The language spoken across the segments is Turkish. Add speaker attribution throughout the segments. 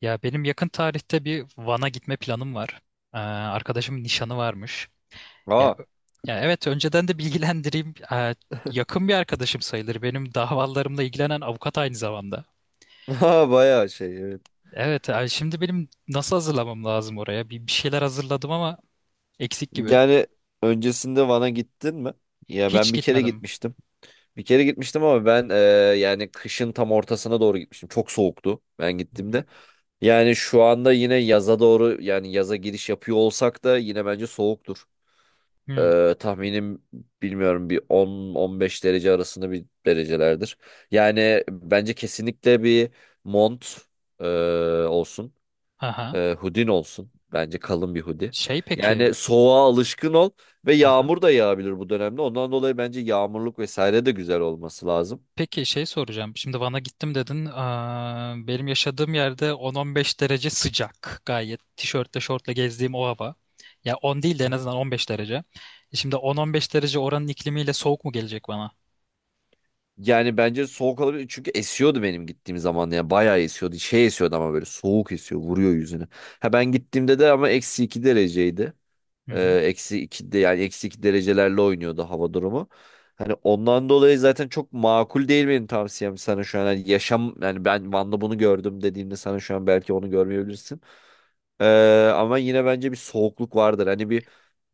Speaker 1: Ya benim yakın tarihte bir Van'a gitme planım var. Arkadaşımın nişanı varmış.
Speaker 2: Aa,
Speaker 1: Ya, ya, evet önceden de bilgilendireyim. Yakın bir arkadaşım sayılır. Benim davalarımla ilgilenen avukat aynı zamanda.
Speaker 2: ha, bayağı şey evet.
Speaker 1: Evet yani şimdi benim nasıl hazırlamam lazım oraya? Bir şeyler hazırladım ama eksik gibi.
Speaker 2: Yani öncesinde Van'a gittin mi? Ya
Speaker 1: Hiç
Speaker 2: ben bir kere
Speaker 1: gitmedim.
Speaker 2: gitmiştim. Bir kere gitmiştim ama ben yani kışın tam ortasına doğru gitmiştim. Çok soğuktu ben
Speaker 1: Hı hı.
Speaker 2: gittiğimde. Yani şu anda yine yaza doğru yani yaza giriş yapıyor olsak da yine bence soğuktur.
Speaker 1: Hmm.
Speaker 2: Tahminim bilmiyorum bir 10-15 derece arasında bir derecelerdir. Yani bence kesinlikle bir mont e, olsun.
Speaker 1: Aha.
Speaker 2: Hudin olsun. Bence kalın bir hoodie.
Speaker 1: Şey peki.
Speaker 2: Yani soğuğa alışkın ol ve
Speaker 1: Aha.
Speaker 2: yağmur da yağabilir bu dönemde. Ondan dolayı bence yağmurluk vesaire de güzel olması lazım.
Speaker 1: Peki şey soracağım. Şimdi Van'a gittim dedin. Benim yaşadığım yerde 10-15 derece sıcak. Gayet tişörtle şortla gezdiğim o hava. Ya 10 değil de en
Speaker 2: Aha.
Speaker 1: azından 15 derece. Şimdi 10-15 derece oranın iklimiyle soğuk mu gelecek bana?
Speaker 2: Yani bence soğuk olabilir. Çünkü esiyordu benim gittiğim zaman. Yani bayağı esiyordu. Şey esiyordu ama böyle soğuk esiyor. Vuruyor yüzüne. Ha ben gittiğimde de ama -2 dereceydi.
Speaker 1: Hı
Speaker 2: Ee,
Speaker 1: hı.
Speaker 2: eksi iki de yani -2 derecelerle oynuyordu hava durumu. Hani ondan dolayı zaten çok makul değil benim tavsiyem sana şu an. Hani yaşam yani ben Van'da bunu gördüm dediğimde sana şu an belki onu görmeyebilirsin. Ee, ama yine bence bir soğukluk vardır. Hani bir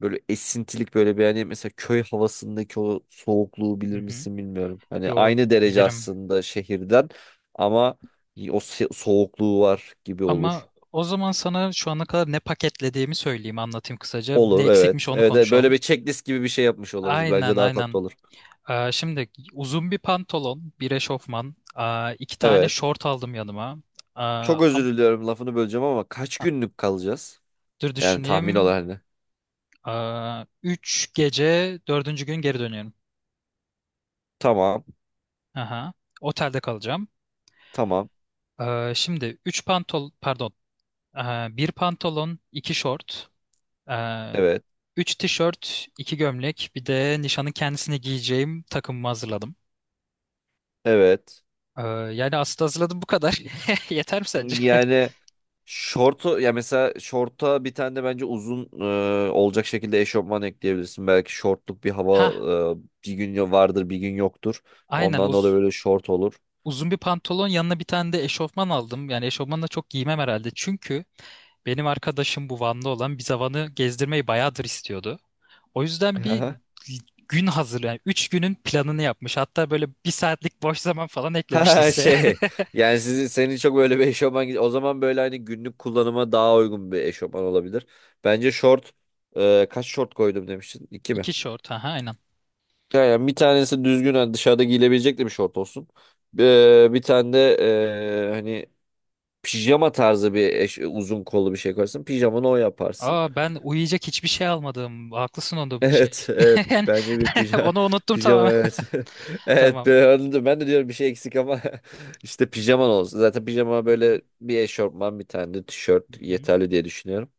Speaker 2: böyle esintilik böyle bir hani mesela köy havasındaki o soğukluğu
Speaker 1: Hı
Speaker 2: bilir
Speaker 1: hı.
Speaker 2: misin bilmiyorum. Hani
Speaker 1: Yo
Speaker 2: aynı derece
Speaker 1: bilirim.
Speaker 2: aslında şehirden ama o soğukluğu var gibi olur.
Speaker 1: Ama o zaman sana şu ana kadar ne paketlediğimi söyleyeyim, anlatayım kısaca. Ne
Speaker 2: Olur
Speaker 1: eksikmiş
Speaker 2: evet.
Speaker 1: onu
Speaker 2: Evet, evet. Böyle
Speaker 1: konuşalım.
Speaker 2: bir checklist gibi bir şey yapmış oluruz.
Speaker 1: Aynen,
Speaker 2: Bence daha tatlı
Speaker 1: aynen.
Speaker 2: olur.
Speaker 1: Şimdi uzun bir pantolon, bir eşofman, iki tane
Speaker 2: Evet.
Speaker 1: şort aldım yanıma. Aa,
Speaker 2: Çok özür
Speaker 1: am-
Speaker 2: diliyorum lafını böleceğim ama kaç günlük kalacağız?
Speaker 1: Dur
Speaker 2: Yani tahmin
Speaker 1: düşüneyim.
Speaker 2: olarak ne?
Speaker 1: 3 gece dördüncü gün geri dönüyorum.
Speaker 2: Tamam.
Speaker 1: Aha. Otelde kalacağım.
Speaker 2: Tamam.
Speaker 1: Şimdi üç pantol pardon. Bir pantolon, iki şort, ee,
Speaker 2: Evet.
Speaker 1: üç tişört, iki gömlek, bir de nişanın kendisine giyeceğim takımımı hazırladım.
Speaker 2: Evet.
Speaker 1: Yani aslında hazırladım bu kadar. Yeter mi sence?
Speaker 2: Yani şortu ya mesela şorta bir tane de bence uzun olacak şekilde eşofman ekleyebilirsin. Belki şortluk bir hava
Speaker 1: Ha,
Speaker 2: bir gün vardır bir gün yoktur.
Speaker 1: aynen,
Speaker 2: Ondan dolayı böyle şort olur.
Speaker 1: uzun bir pantolon yanına bir tane de eşofman aldım. Yani eşofmanla çok giymem herhalde. Çünkü benim arkadaşım, bu Van'da olan, bize Van'ı gezdirmeyi bayağıdır istiyordu. O yüzden bir gün hazır, yani 3 günün planını yapmış. Hatta böyle bir saatlik boş zaman falan eklemiş
Speaker 2: Ha
Speaker 1: listeye.
Speaker 2: şey yani sizi senin çok böyle bir eşofman o zaman böyle hani günlük kullanıma daha uygun bir eşofman olabilir. Bence şort kaç şort koydum demiştin? İki mi?
Speaker 1: İki short, ha aynen.
Speaker 2: Yani bir tanesi düzgün hani dışarıda giyilebilecek de bir şort olsun. Bir tane de hani pijama tarzı bir uzun kollu bir şey koyarsın. Pijamanı o yaparsın.
Speaker 1: Ben uyuyacak hiçbir şey almadım. Haklısın onda, bu şey.
Speaker 2: Evet, evet.
Speaker 1: Yani
Speaker 2: Bence bir pijama,
Speaker 1: onu unuttum
Speaker 2: pijama
Speaker 1: tamamen.
Speaker 2: evet. Evet,
Speaker 1: Tamam.
Speaker 2: ben de diyorum bir şey eksik ama işte pijaman olsun. Zaten pijama
Speaker 1: Hı hı,
Speaker 2: böyle bir eşofman bir tane de
Speaker 1: hı
Speaker 2: tişört
Speaker 1: hı.
Speaker 2: yeterli diye düşünüyorum.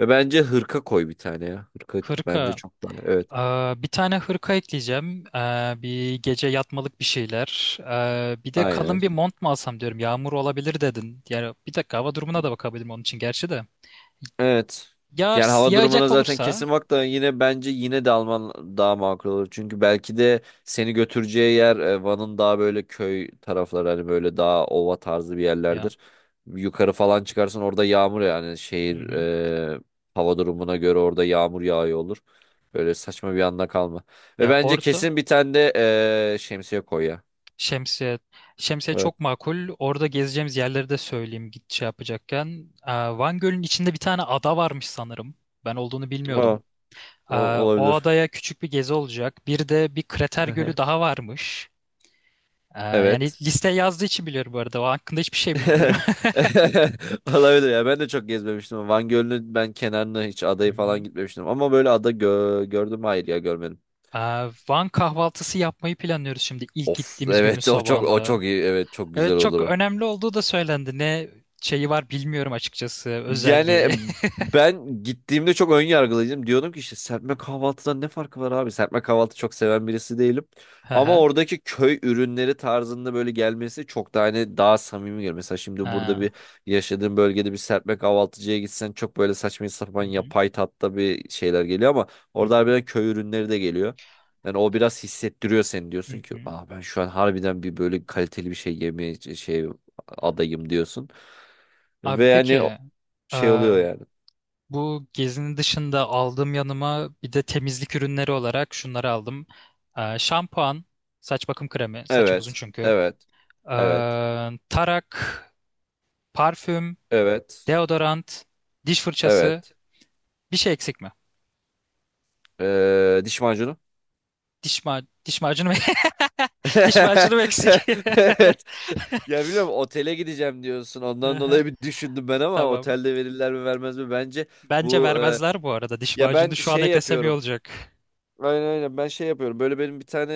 Speaker 2: Ve bence hırka koy bir tane ya. Hırka bence
Speaker 1: Hırka.
Speaker 2: çok daha evet.
Speaker 1: Ee, Bir tane hırka ekleyeceğim. Bir gece yatmalık bir şeyler. Bir de
Speaker 2: Aynen.
Speaker 1: kalın bir mont mu alsam diyorum. Yağmur olabilir dedin. Yani bir dakika hava durumuna da bakabilirim onun için gerçi de.
Speaker 2: Evet. Yani
Speaker 1: Yağar,
Speaker 2: hava durumuna
Speaker 1: yağacak
Speaker 2: zaten
Speaker 1: olursa
Speaker 2: kesin bak da yine bence yine de Alman daha makul olur. Çünkü belki de seni götüreceği yer Van'ın daha böyle köy tarafları hani böyle daha ova tarzı bir
Speaker 1: ya.
Speaker 2: yerlerdir. Yukarı falan çıkarsan orada yağmur yani
Speaker 1: Hı
Speaker 2: şehir
Speaker 1: hı.
Speaker 2: hava durumuna göre orada yağmur yağıyor olur. Böyle saçma bir anda kalma. Ve
Speaker 1: Ya
Speaker 2: bence
Speaker 1: orada
Speaker 2: kesin bir tane de şemsiye koy ya.
Speaker 1: şemsiye, şemsiye
Speaker 2: Evet.
Speaker 1: çok makul. Orada gezeceğimiz yerleri de söyleyeyim git şey yapacakken. Van Gölü'nün içinde bir tane ada varmış sanırım. Ben olduğunu bilmiyordum.
Speaker 2: O, o
Speaker 1: Ee, O
Speaker 2: olabilir.
Speaker 1: adaya küçük bir gezi olacak. Bir de bir krater gölü daha varmış. Yani
Speaker 2: Evet.
Speaker 1: listeye yazdığı için biliyorum bu arada. O hakkında hiçbir şey bilmiyorum.
Speaker 2: Olabilir ya. Ben de çok gezmemiştim. Van Gölü'nün ben kenarına hiç
Speaker 1: Hı
Speaker 2: adayı falan
Speaker 1: hı.
Speaker 2: gitmemiştim. Ama böyle ada gördüm mü? Hayır ya görmedim.
Speaker 1: Ee, Van kahvaltısı yapmayı planlıyoruz şimdi, ilk
Speaker 2: Of
Speaker 1: gittiğimiz günün
Speaker 2: evet o çok o
Speaker 1: sabahında.
Speaker 2: çok iyi. Evet çok güzel
Speaker 1: Evet,
Speaker 2: olur
Speaker 1: çok
Speaker 2: o.
Speaker 1: önemli olduğu da söylendi. Ne şeyi var bilmiyorum açıkçası,
Speaker 2: Yani
Speaker 1: özelliği.
Speaker 2: ben gittiğimde çok ön yargılıydım. Diyordum ki işte serpme kahvaltıdan ne farkı var abi? Serpme kahvaltı çok seven birisi değilim.
Speaker 1: Hı
Speaker 2: Ama
Speaker 1: hı.
Speaker 2: oradaki köy ürünleri tarzında böyle gelmesi çok daha hani daha samimi geliyor. Mesela şimdi burada
Speaker 1: Ha.
Speaker 2: bir yaşadığım bölgede bir serpme kahvaltıcıya gitsen çok böyle saçma
Speaker 1: Hı
Speaker 2: sapan
Speaker 1: hı.
Speaker 2: yapay tatta bir şeyler geliyor ama
Speaker 1: Hı
Speaker 2: orada
Speaker 1: hı.
Speaker 2: harbiden köy ürünleri de geliyor. Yani o biraz hissettiriyor seni
Speaker 1: Hı
Speaker 2: diyorsun ki
Speaker 1: hı.
Speaker 2: ah ben şu an harbiden bir böyle kaliteli bir şey yemeye şey adayım diyorsun. Ve
Speaker 1: Abi
Speaker 2: yani
Speaker 1: peki, ee,
Speaker 2: şey oluyor yani.
Speaker 1: bu gezinin dışında aldığım yanıma bir de temizlik ürünleri olarak şunları aldım. Şampuan, saç bakım kremi, saçım uzun
Speaker 2: Evet.
Speaker 1: çünkü.
Speaker 2: Evet. Evet.
Speaker 1: Tarak, parfüm,
Speaker 2: Evet.
Speaker 1: deodorant, diş fırçası,
Speaker 2: Evet.
Speaker 1: bir şey eksik mi?
Speaker 2: Diş macunu.
Speaker 1: Diş macunu mu? Diş macunu mu eksik?
Speaker 2: Evet. Ya biliyorum otele gideceğim diyorsun. Ondan
Speaker 1: Aha,
Speaker 2: dolayı bir düşündüm ben ama
Speaker 1: tamam.
Speaker 2: otelde verirler mi vermez mi? Bence
Speaker 1: Bence
Speaker 2: bu e,
Speaker 1: vermezler bu arada. Diş
Speaker 2: ya
Speaker 1: macunu
Speaker 2: ben
Speaker 1: şu an
Speaker 2: şey
Speaker 1: eklesem iyi
Speaker 2: yapıyorum.
Speaker 1: olacak.
Speaker 2: Aynen aynen ben şey yapıyorum. Böyle benim bir tane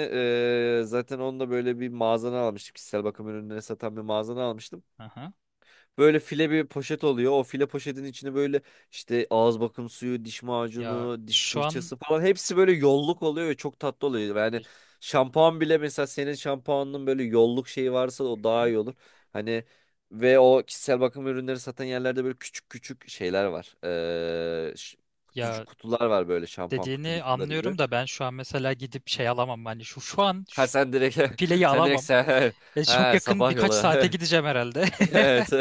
Speaker 2: zaten onunla böyle bir mağazana almıştım. Kişisel bakım ürünleri satan bir mağazana almıştım.
Speaker 1: Aha.
Speaker 2: Böyle file bir poşet oluyor. O file poşetin içine böyle işte ağız bakım suyu, diş
Speaker 1: Ya
Speaker 2: macunu, diş
Speaker 1: şu an
Speaker 2: fırçası falan hepsi böyle yolluk oluyor ve çok tatlı oluyor.
Speaker 1: e,
Speaker 2: Yani şampuan bile mesela senin şampuanının böyle yolluk şeyi varsa o
Speaker 1: Hı
Speaker 2: daha
Speaker 1: hı.
Speaker 2: iyi olur. Hani ve o kişisel bakım ürünleri satan yerlerde böyle küçük küçük şeyler var. Ee, ş- kutucu,
Speaker 1: Ya
Speaker 2: kutular var böyle şampuan kutu
Speaker 1: dediğini
Speaker 2: kutuları gibi.
Speaker 1: anlıyorum da ben şu an mesela gidip şey alamam. Hani şu an
Speaker 2: Ha
Speaker 1: şu
Speaker 2: sen direkt
Speaker 1: fileyi
Speaker 2: sen direkt
Speaker 1: alamam.
Speaker 2: sen
Speaker 1: Ya çok
Speaker 2: ha
Speaker 1: yakın
Speaker 2: sabah
Speaker 1: birkaç
Speaker 2: yola
Speaker 1: saate
Speaker 2: evet.
Speaker 1: gideceğim herhalde.
Speaker 2: Evet.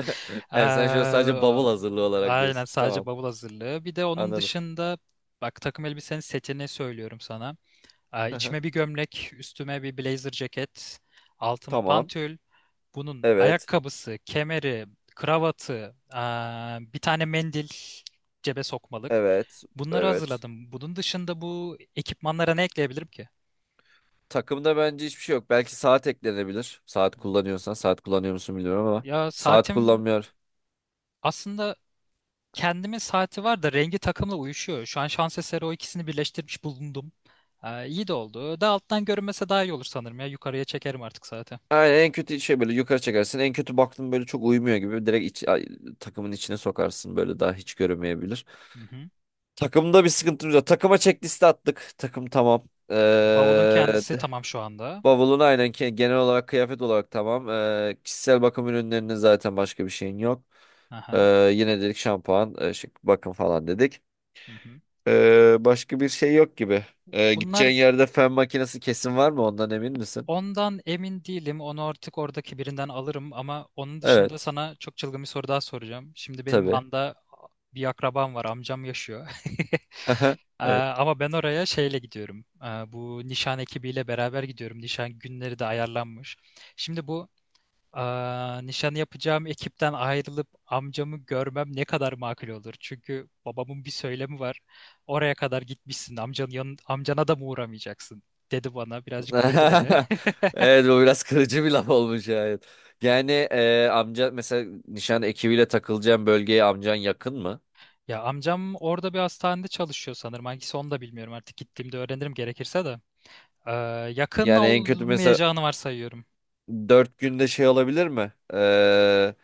Speaker 1: Eee,
Speaker 2: Evet, sen şöyle sadece bavul hazırlığı olarak
Speaker 1: Aynen,
Speaker 2: diyorsun.
Speaker 1: sadece
Speaker 2: Tamam.
Speaker 1: bavul hazırlığı. Bir de onun
Speaker 2: Anladım.
Speaker 1: dışında bak, takım elbisenin setini söylüyorum sana.
Speaker 2: Hı hı.
Speaker 1: İçime bir gömlek, üstüme bir blazer ceket, altıma
Speaker 2: Tamam.
Speaker 1: pantül. Bunun
Speaker 2: Evet.
Speaker 1: ayakkabısı, kemeri, kravatı, bir tane mendil cebe sokmalık.
Speaker 2: Evet.
Speaker 1: Bunları
Speaker 2: Evet.
Speaker 1: hazırladım. Bunun dışında bu ekipmanlara ne ekleyebilirim ki?
Speaker 2: Takımda bence hiçbir şey yok. Belki saat eklenebilir. Saat
Speaker 1: Hı hı.
Speaker 2: kullanıyorsan. Saat kullanıyor musun bilmiyorum ama.
Speaker 1: Ya
Speaker 2: Saat
Speaker 1: saatim
Speaker 2: kullanmıyor.
Speaker 1: aslında, kendimin saati var da rengi takımla uyuşuyor. Şu an şans eseri o ikisini birleştirmiş bulundum. İyi de oldu. Daha alttan görünmese daha iyi olur sanırım ya. Yukarıya çekerim artık saati.
Speaker 2: Aynen en kötü şey böyle yukarı çekersin. En kötü baktın böyle çok uyumuyor gibi. Direkt takımın içine sokarsın. Böyle daha hiç görünmeyebilir.
Speaker 1: Hı hı.
Speaker 2: Takımda bir sıkıntımız yok. Takıma checklist attık. Takım tamam.
Speaker 1: Bavulun
Speaker 2: Ee,
Speaker 1: kendisi tamam şu anda.
Speaker 2: Bavulun aynen genel olarak kıyafet olarak tamam. Kişisel bakım ürünlerinin zaten başka bir şeyin yok.
Speaker 1: Aha.
Speaker 2: Ee, yine dedik şampuan, şık bakım falan dedik.
Speaker 1: Hı hı.
Speaker 2: Başka bir şey yok gibi. Ee,
Speaker 1: Bunlar,
Speaker 2: gideceğin yerde fön makinesi kesin var mı? Ondan emin misin?
Speaker 1: ondan emin değilim. Onu artık oradaki birinden alırım, ama onun dışında
Speaker 2: Evet.
Speaker 1: sana çok çılgın bir soru daha soracağım. Şimdi benim
Speaker 2: Tabii.
Speaker 1: Van'da bir akrabam var. Amcam yaşıyor.
Speaker 2: Evet.
Speaker 1: Ama ben oraya şeyle gidiyorum. Bu nişan ekibiyle beraber gidiyorum. Nişan günleri de ayarlanmış. Şimdi bu nişanı yapacağım ekipten ayrılıp amcamı görmem ne kadar makul olur? Çünkü babamın bir söylemi var. Oraya kadar gitmişsin. Amcana da mı uğramayacaksın, dedi bana. Birazcık kırdı beni.
Speaker 2: Evet bu biraz kırıcı bir laf olmuş yani. Yani amca mesela nişan ekibiyle takılacağın bölgeye amcan yakın mı?
Speaker 1: Ya amcam orada bir hastanede çalışıyor sanırım. Hangisi onu da bilmiyorum artık. Gittiğimde öğrenirim gerekirse de. Ee, Yakın
Speaker 2: Yani en kötü mesela
Speaker 1: olmayacağını varsayıyorum.
Speaker 2: 4 günde şey olabilir mi? Ee,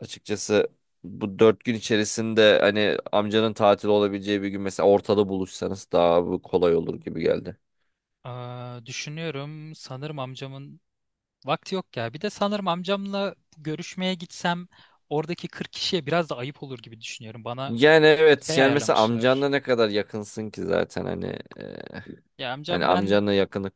Speaker 2: açıkçası bu 4 gün içerisinde hani amcanın tatil olabileceği bir gün mesela ortada buluşsanız daha bu kolay olur gibi geldi.
Speaker 1: Düşünüyorum, sanırım amcamın vakti yok ya. Bir de sanırım amcamla görüşmeye gitsem oradaki 40 kişiye biraz da ayıp olur gibi düşünüyorum. Bana
Speaker 2: Yani evet
Speaker 1: şey
Speaker 2: yani mesela amcanla
Speaker 1: ayarlamışlar.
Speaker 2: ne kadar yakınsın ki zaten hani e,
Speaker 1: Ya
Speaker 2: hani
Speaker 1: amcam, ben
Speaker 2: amcanla yakınlık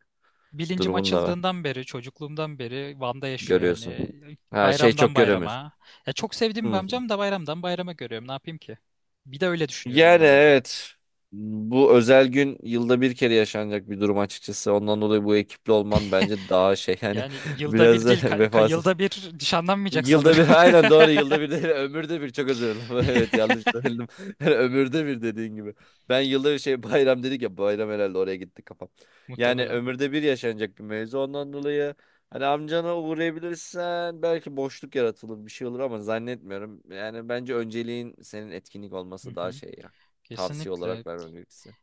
Speaker 1: bilincim
Speaker 2: durumunu da
Speaker 1: açıldığından beri, çocukluğumdan beri Van'da yaşıyor
Speaker 2: görüyorsun.
Speaker 1: yani.
Speaker 2: Ha şey
Speaker 1: Bayramdan
Speaker 2: çok göremiyorsun.
Speaker 1: bayrama. Ya çok sevdiğim bir
Speaker 2: Hmm.
Speaker 1: amcam, da bayramdan bayrama görüyorum. Ne yapayım ki? Bir de öyle düşünüyorum bir
Speaker 2: Yani
Speaker 1: yandan da.
Speaker 2: evet bu özel gün yılda bir kere yaşanacak bir durum açıkçası. Ondan dolayı bu ekiple olman bence daha şey yani
Speaker 1: Yani yılda bir
Speaker 2: biraz
Speaker 1: değil,
Speaker 2: da vefasız.
Speaker 1: yılda bir nişanlanmayacak
Speaker 2: Yılda
Speaker 1: sanırım.
Speaker 2: bir aynen doğru yılda bir değil ömürde bir çok özür dilerim evet yanlış söyledim. Yani ömürde bir dediğin gibi ben yılda bir şey bayram dedik ya bayram herhalde oraya gitti kafam yani
Speaker 1: Muhtemelen.
Speaker 2: ömürde bir yaşanacak bir mevzu ondan dolayı hani amcana uğrayabilirsen belki boşluk yaratılır bir şey olur ama zannetmiyorum yani bence önceliğin senin etkinlik
Speaker 1: Hı
Speaker 2: olması daha
Speaker 1: hı.
Speaker 2: şey ya tavsiye
Speaker 1: Kesinlikle.
Speaker 2: olarak vermem gerekirse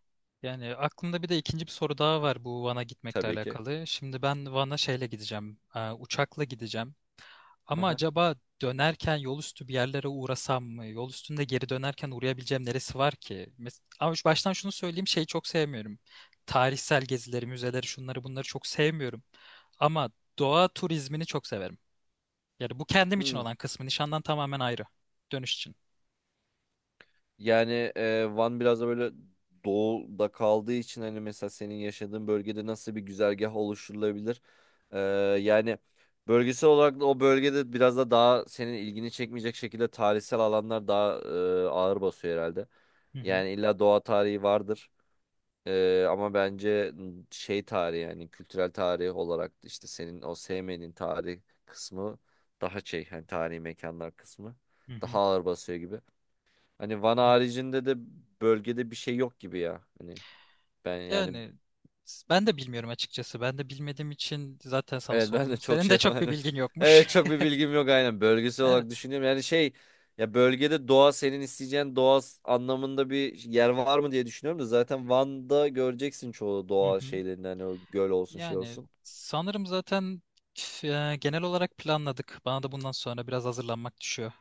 Speaker 1: Yani aklımda bir de ikinci bir soru daha var, bu Van'a gitmekle
Speaker 2: tabii ki.
Speaker 1: alakalı. Şimdi ben Van'a şeyle gideceğim, uçakla gideceğim.
Speaker 2: Hı
Speaker 1: Ama
Speaker 2: hı.
Speaker 1: acaba dönerken yol üstü bir yerlere uğrasam mı? Yol üstünde geri dönerken uğrayabileceğim neresi var ki? Ama baştan şunu söyleyeyim, şeyi çok sevmiyorum. Tarihsel gezileri, müzeleri, şunları bunları çok sevmiyorum. Ama doğa turizmini çok severim. Yani bu kendim için
Speaker 2: Hmm.
Speaker 1: olan kısmı, nişandan tamamen ayrı. Dönüş için.
Speaker 2: Yani Van biraz da böyle doğuda kaldığı için hani mesela senin yaşadığın bölgede nasıl bir güzergah oluşturulabilir? E, yani bölgesel olarak da o bölgede biraz da daha senin ilgini çekmeyecek şekilde tarihsel alanlar daha ağır basıyor herhalde.
Speaker 1: Hı hı.
Speaker 2: Yani illa doğa tarihi vardır. Ama bence şey tarihi yani kültürel tarih olarak işte senin o sevmenin tarih kısmı daha şey hani tarihi mekanlar kısmı
Speaker 1: Hı
Speaker 2: daha
Speaker 1: hı.
Speaker 2: ağır basıyor gibi. Hani Van
Speaker 1: Evet.
Speaker 2: haricinde de bölgede bir şey yok gibi ya. Hani ben yani
Speaker 1: Yani, ben de bilmiyorum açıkçası. Ben de bilmediğim için zaten sana
Speaker 2: evet ben de
Speaker 1: sordum.
Speaker 2: çok
Speaker 1: Senin de
Speaker 2: şey
Speaker 1: çok bir
Speaker 2: var.
Speaker 1: bilgin yokmuş.
Speaker 2: Evet çok bir bilgim yok aynen bölgesel olarak
Speaker 1: Evet.
Speaker 2: düşünüyorum. Yani şey ya bölgede doğa senin isteyeceğin doğa anlamında bir yer var mı diye düşünüyorum da zaten Van'da göreceksin çoğu
Speaker 1: Hı
Speaker 2: doğa
Speaker 1: hı.
Speaker 2: şeylerini hani o göl olsun şey
Speaker 1: Yani
Speaker 2: olsun.
Speaker 1: sanırım zaten, genel olarak planladık. Bana da bundan sonra biraz hazırlanmak düşüyor.